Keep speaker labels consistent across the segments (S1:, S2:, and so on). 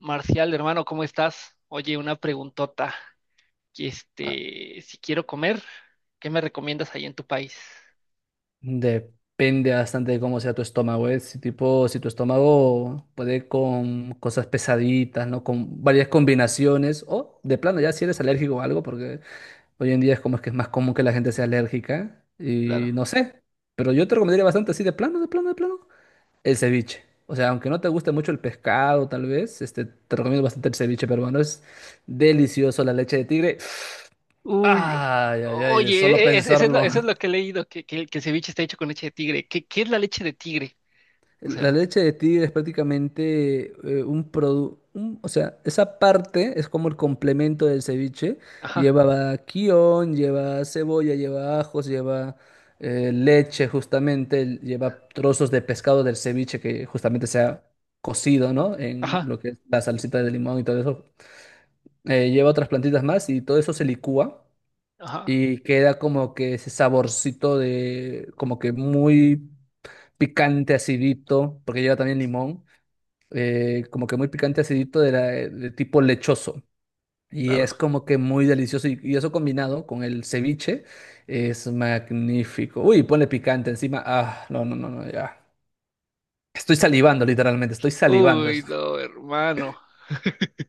S1: Marcial, hermano, ¿cómo estás? Oye, una preguntota
S2: Ah,
S1: Si quiero comer, ¿qué me recomiendas ahí en tu país?
S2: depende bastante de cómo sea tu estómago, ¿eh? Si tipo, si tu estómago puede con cosas pesaditas, ¿no? Con varias combinaciones, o de plano ya si eres alérgico o algo, porque hoy en día es como es que es más común que la gente sea alérgica, y
S1: Claro.
S2: no sé, pero yo te recomendaría bastante así de plano, de plano, de plano, el ceviche. O sea, aunque no te guste mucho el pescado, tal vez, te recomiendo bastante el ceviche peruano, es delicioso la leche de tigre.
S1: Uy,
S2: Ay, ay,
S1: o-
S2: ay, de
S1: oye,
S2: solo
S1: e- e- es- eso es
S2: pensarlo.
S1: eso es lo que he leído, que el ceviche está hecho con leche de tigre. ¿Qué es la leche de tigre? O
S2: La
S1: sea,
S2: leche de tigre es prácticamente un producto, o sea, esa parte es como el complemento del ceviche.
S1: ajá,
S2: Lleva kion, lleva cebolla, lleva ajos, lleva leche justamente, lleva trozos de pescado del ceviche que justamente se ha cocido, ¿no? En
S1: ajá,
S2: lo que es la salsita de limón y todo eso. Lleva otras plantitas más y todo eso se licúa
S1: ajá,
S2: y queda como que ese saborcito de, como que muy picante, acidito, porque lleva también limón como que muy picante acidito de, de tipo lechoso. Y
S1: claro.
S2: es como que muy delicioso. Y eso combinado con el ceviche es magnífico. Uy, ponle picante encima. Ah, no, no, no, no, ya. Estoy salivando, literalmente, estoy salivando
S1: Uy,
S2: eso.
S1: no, hermano,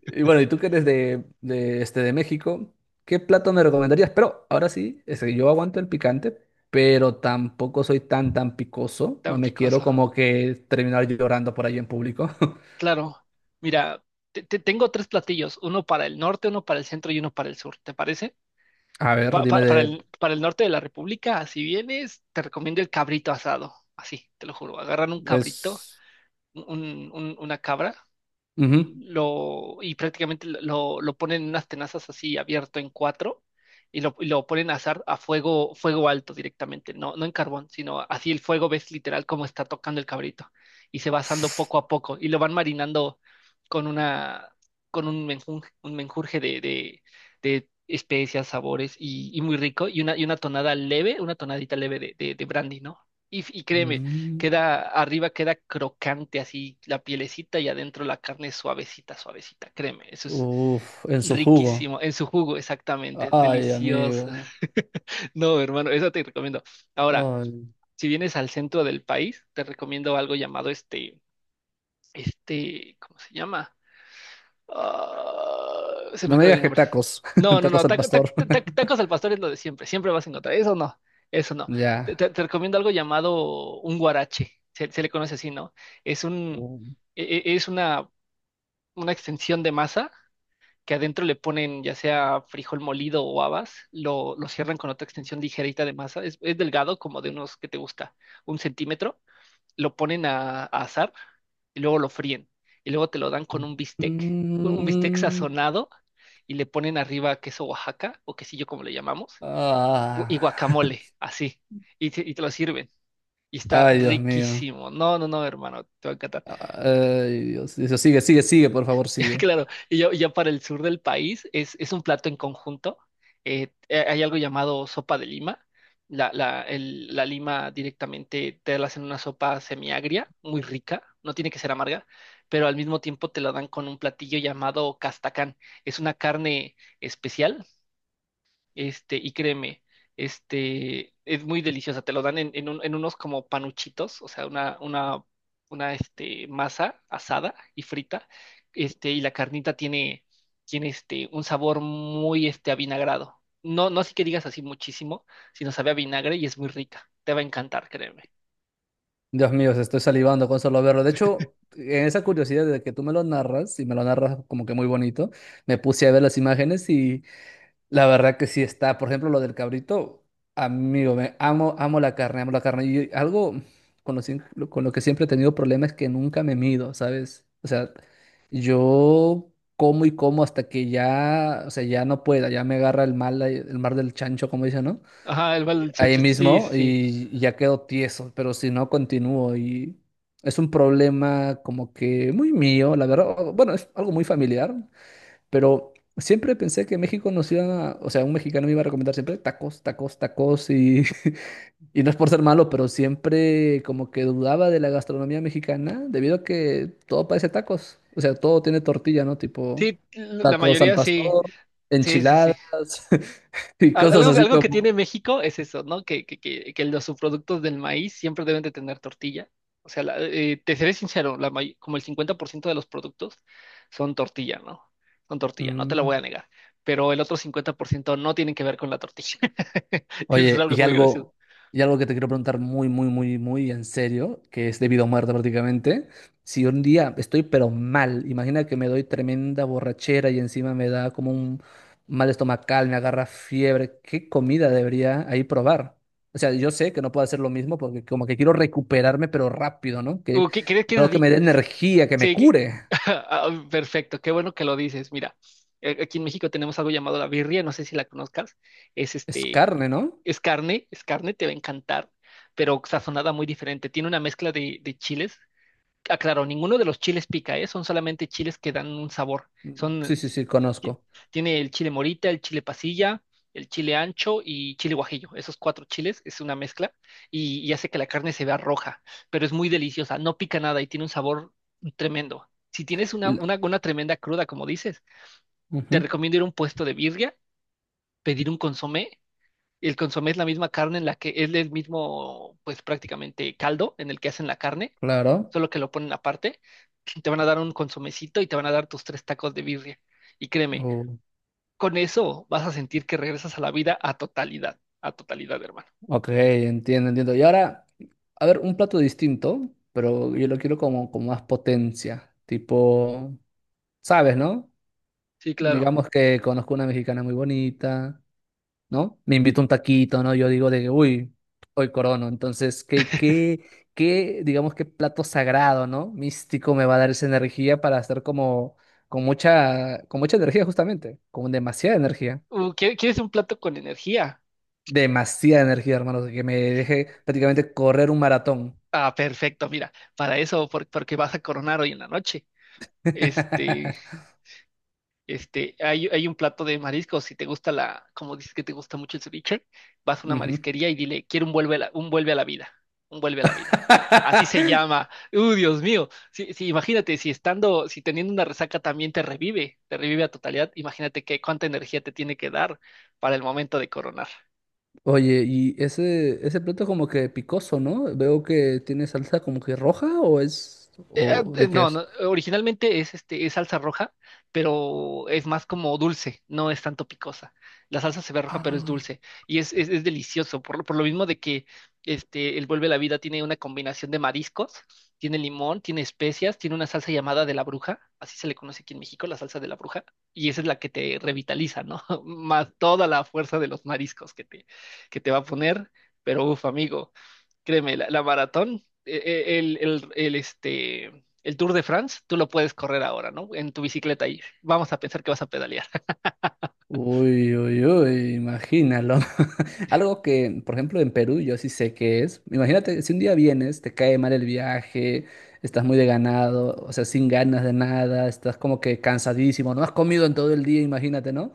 S2: Y bueno, y tú que eres de México, ¿qué plato me recomendarías? Pero ahora sí, es que yo aguanto el picante, pero tampoco soy tan, tan picoso. No
S1: tan
S2: me quiero
S1: picoso.
S2: como que terminar llorando por ahí en público.
S1: Claro, mira, tengo tres platillos, uno para el norte, uno para el centro y uno para el sur, ¿te parece?
S2: A ver,
S1: Pa- pa-
S2: dime
S1: para
S2: de...
S1: el, para el norte de la República, si vienes, te recomiendo el cabrito asado. Así, te lo juro. Agarran un cabrito,
S2: Es.
S1: una cabra,
S2: Ujú.
S1: lo, y prácticamente lo ponen en unas tenazas así abierto en cuatro y lo ponen a azar a fuego, fuego alto directamente, no, no en carbón, sino así el fuego ves literal cómo está tocando el cabrito y se va asando poco a poco y lo van marinando con una, con un menjunje, un menjurje de especias, sabores y muy rico y una tonada leve, una tonadita leve de brandy, ¿no? Y créeme,
S2: Mm.
S1: queda, arriba queda crocante así la pielecita y adentro la carne suavecita, suavecita, créeme, eso es
S2: Uf, en su jugo.
S1: riquísimo, en su jugo, exactamente,
S2: Ay,
S1: delicioso.
S2: amigo.
S1: No, hermano, eso te recomiendo. Ahora,
S2: Ay.
S1: si vienes al centro del país, te recomiendo algo llamado ¿cómo se llama? Ah, se me
S2: No me
S1: acaba el
S2: digas que
S1: nombre.
S2: tacos.
S1: No, no,
S2: Tacos
S1: no.
S2: al pastor.
S1: Tacos al pastor es lo de siempre. Siempre vas a encontrar. Eso no. Eso no.
S2: Ya.
S1: Te recomiendo algo llamado un guarache. Se le conoce así, ¿no? Es un, e- e- es una extensión de masa que adentro le ponen ya sea frijol molido o habas. Lo cierran con otra extensión ligerita de masa. Es delgado, como de unos que te gusta, un centímetro. Lo ponen a asar y luego lo fríen. Y luego te lo dan con un bistec
S2: Mm,
S1: sazonado y le ponen arriba queso Oaxaca o quesillo, como le llamamos, gu-
S2: ah.
S1: y guacamole, así. Y te lo sirven. Y está
S2: Ay, Dios mío.
S1: riquísimo. No, no, no, hermano, te va a encantar.
S2: Ay, Dios. Dios, sigue, sigue, sigue, por favor, sigue.
S1: Claro, y ya, ya para el sur del país es un plato en conjunto. Hay algo llamado sopa de lima. La lima directamente te la hacen una sopa semiagria, muy rica, no tiene que ser amarga, pero al mismo tiempo te la dan con un platillo llamado castacán. Es una carne especial, y créeme, es muy deliciosa. Te lo dan en unos como panuchitos, o sea, una masa asada y frita. Y la carnita tiene, tiene un sabor muy, avinagrado. No, no así que digas así muchísimo, sino sabe a vinagre y es muy rica. Te va a encantar, créeme.
S2: Dios mío, se estoy salivando con solo verlo. De hecho, en esa curiosidad de que tú me lo narras, y me lo narras como que muy bonito, me puse a ver las imágenes. La verdad que sí está. Por ejemplo, lo del cabrito, amigo, me amo, amo la carne, amo la carne. Y algo con lo, siem- con lo que siempre he tenido problemas es que nunca me mido, ¿sabes? O sea, yo como y como hasta que ya, o sea, ya no pueda, ya me agarra el mal, el mar del chancho, como dicen, ¿no?
S1: Ajá, el balón, sí,
S2: Ahí
S1: sí.
S2: mismo
S1: Sí,
S2: y ya quedo tieso, pero si no, continúo y es un problema como que muy mío, la verdad. Bueno, es algo muy familiar. Pero siempre pensé que México nos iba a, o sea, un mexicano me iba a recomendar siempre tacos, tacos, tacos y, y no es por ser malo, pero siempre como que dudaba de la gastronomía mexicana debido a que todo parece tacos. O sea, todo tiene tortilla, ¿no? Tipo
S1: sí, la
S2: tacos al
S1: mayoría sí.
S2: pastor,
S1: Sí, sí,
S2: enchiladas
S1: sí.
S2: y cosas
S1: Algo,
S2: así
S1: algo que
S2: como...
S1: tiene México es eso, ¿no? Que los subproductos del maíz siempre deben de tener tortilla. O sea, te seré sincero, como el 50% de los productos son tortilla, ¿no? Son tortilla, no te lo
S2: Mm.
S1: voy a negar. Pero el otro 50% no tienen que ver con la tortilla. Y eso es
S2: Oye,
S1: algo muy gracioso.
S2: y algo que te quiero preguntar muy, muy, muy, muy en serio, que es debido a muerte prácticamente. Si un día estoy pero mal, imagina que me doy tremenda borrachera y encima me da como un mal estomacal, me agarra fiebre, ¿qué comida debería ahí probar? O sea, yo sé que no puedo hacer lo mismo porque como que quiero recuperarme pero rápido, ¿no? Que
S1: ¿ Qué es
S2: algo que
S1: así?
S2: me dé energía, que me
S1: Sí, que.
S2: cure.
S1: Ah, perfecto, qué bueno que lo dices. Mira, aquí en México tenemos algo llamado la birria, no sé si la conozcas. Es
S2: Es
S1: este,
S2: carne, ¿no?
S1: es carne, es carne, te va a encantar, pero sazonada muy diferente. Tiene una mezcla de chiles. Ah, claro, ninguno de los chiles pica, ¿eh? Son solamente chiles que dan un sabor.
S2: Sí,
S1: Son,
S2: sí, sí,
S1: ti-
S2: conozco.
S1: tiene el chile morita, el chile pasilla, el chile ancho y chile guajillo. Esos cuatro chiles es una mezcla y hace que la carne se vea roja, pero es muy deliciosa, no pica nada y tiene un sabor tremendo. Si tienes
S2: L.
S1: una tremenda cruda, como dices,
S2: Ujú,
S1: te recomiendo ir a un puesto de birria, pedir un consomé. El consomé es la misma carne en la que es el mismo, pues prácticamente caldo en el que hacen la carne,
S2: claro.
S1: solo que lo ponen aparte. Te van a dar un consomecito y te van a dar tus tres tacos de birria. Y créeme,
S2: Oh.
S1: con eso vas a sentir que regresas a la vida a totalidad, hermano.
S2: Ok, entiendo, entiendo. Y ahora, a ver, un plato distinto, pero yo lo quiero como con más potencia. Tipo, ¿sabes, no?
S1: Sí, claro.
S2: Digamos que conozco una mexicana muy bonita, ¿no? Me invito un taquito, ¿no? Yo digo de que, uy, hoy corono. Entonces, digamos, ¿qué plato sagrado, ¿no? místico me va a dar esa energía para hacer como, con mucha energía justamente, con demasiada energía.
S1: ¿ ¿Quieres un plato con energía?
S2: Demasiada energía, hermanos, que me deje prácticamente correr un maratón.
S1: Ah, perfecto, mira, para eso, porque vas a coronar hoy en la noche. Este, Hay, hay un plato de mariscos. Si te gusta la, como dices que te gusta mucho el ceviche, vas a una
S2: Ujú.
S1: marisquería y dile, quiero un vuelve a la vida, un vuelve a la vida. Así se llama. ¡Uh, Dios mío! Sí, sí, imagínate, si estando, si teniendo una resaca también te revive a totalidad, imagínate qué cuánta energía te tiene que dar para el momento de coronar.
S2: Oye, y ese plato como que picoso, ¿no? Veo que tiene salsa como que roja o es, o de qué
S1: No,
S2: es.
S1: no, originalmente es es salsa roja, pero es más como dulce, no es tanto picosa. La salsa se ve roja, pero es
S2: Ah.
S1: dulce y es delicioso, por lo mismo de que el Vuelve a la Vida tiene una combinación de mariscos, tiene limón, tiene especias, tiene una salsa llamada de la bruja, así se le conoce aquí en México, la salsa de la bruja, y esa es la que te revitaliza, ¿no? Más toda la fuerza de los mariscos que te va a poner, pero uf, amigo. Créeme, la maratón, el Tour de France, tú lo puedes correr ahora, ¿no? En tu bicicleta y vamos a pensar que vas a pedalear.
S2: Uy, uy, uy, imagínalo. Algo que, por ejemplo, en Perú yo sí sé qué es. Imagínate, si un día vienes, te cae mal el viaje, estás muy deganado, o sea, sin ganas de nada, estás como que cansadísimo, no has comido en todo el día, imagínate, ¿no?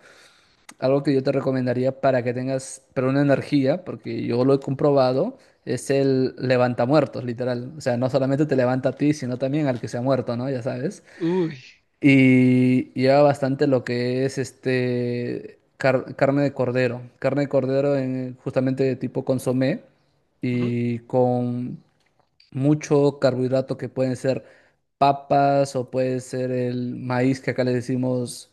S2: Algo que yo te recomendaría para que tengas, pero una energía, porque yo lo he comprobado, es el levantamuertos, literal. O sea, no solamente te levanta a ti, sino también al que se ha muerto, ¿no? Ya sabes.
S1: Uy,
S2: Y lleva bastante lo que es este carne de cordero. Carne de cordero en, justamente de tipo consomé
S1: ujú,
S2: y con mucho carbohidrato que pueden ser papas o puede ser el maíz que acá le decimos.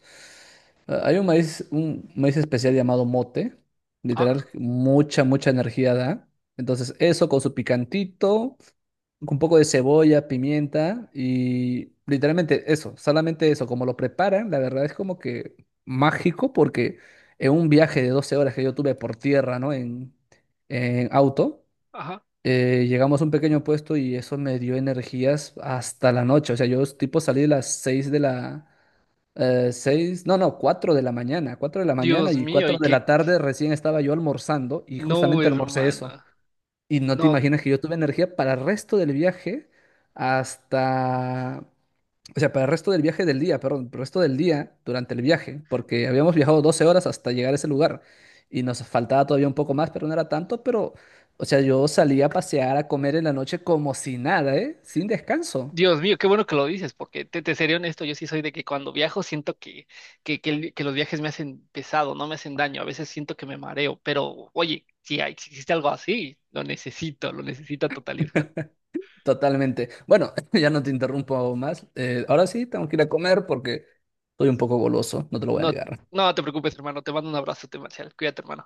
S2: Hay un maíz especial llamado mote, literal,
S1: ah,
S2: mucha, mucha energía da. Entonces, eso con su picantito, con un poco de cebolla, pimienta y literalmente eso, solamente eso, como lo preparan, la verdad es como que mágico porque en un viaje de 12 horas que yo tuve por tierra, ¿no? En auto,
S1: ajá.
S2: llegamos a un pequeño puesto y eso me dio energías hasta la noche. O sea, yo tipo salí de las 6 de la... seis, no, no, 4 de la mañana, 4 de la mañana
S1: Dios
S2: y
S1: mío,
S2: 4
S1: y
S2: de la
S1: que
S2: tarde recién estaba yo almorzando y
S1: no,
S2: justamente almorcé eso.
S1: hermana.
S2: Y no te
S1: No,
S2: imaginas que yo tuve energía para el resto del viaje hasta o sea, para el resto del viaje del día, perdón, para el resto del día durante el viaje, porque habíamos viajado 12 horas hasta llegar a ese lugar y nos faltaba todavía un poco más, pero no era tanto, pero, o sea, yo salía a pasear, a comer en la noche como si nada, ¿eh? Sin descanso,
S1: Dios mío, qué bueno que lo dices, porque te seré honesto, yo sí soy de que cuando viajo siento que los viajes me hacen pesado, no me hacen daño, a veces siento que me mareo, pero oye, si hay, si existe algo así, lo necesito a totalidad.
S2: totalmente. Bueno, ya no te interrumpo más. Ahora sí, tengo que ir a comer porque estoy un poco goloso, no te lo voy a
S1: No,
S2: negar.
S1: no te preocupes, hermano. Te mando un abrazo, Marcial. Cuídate, hermano.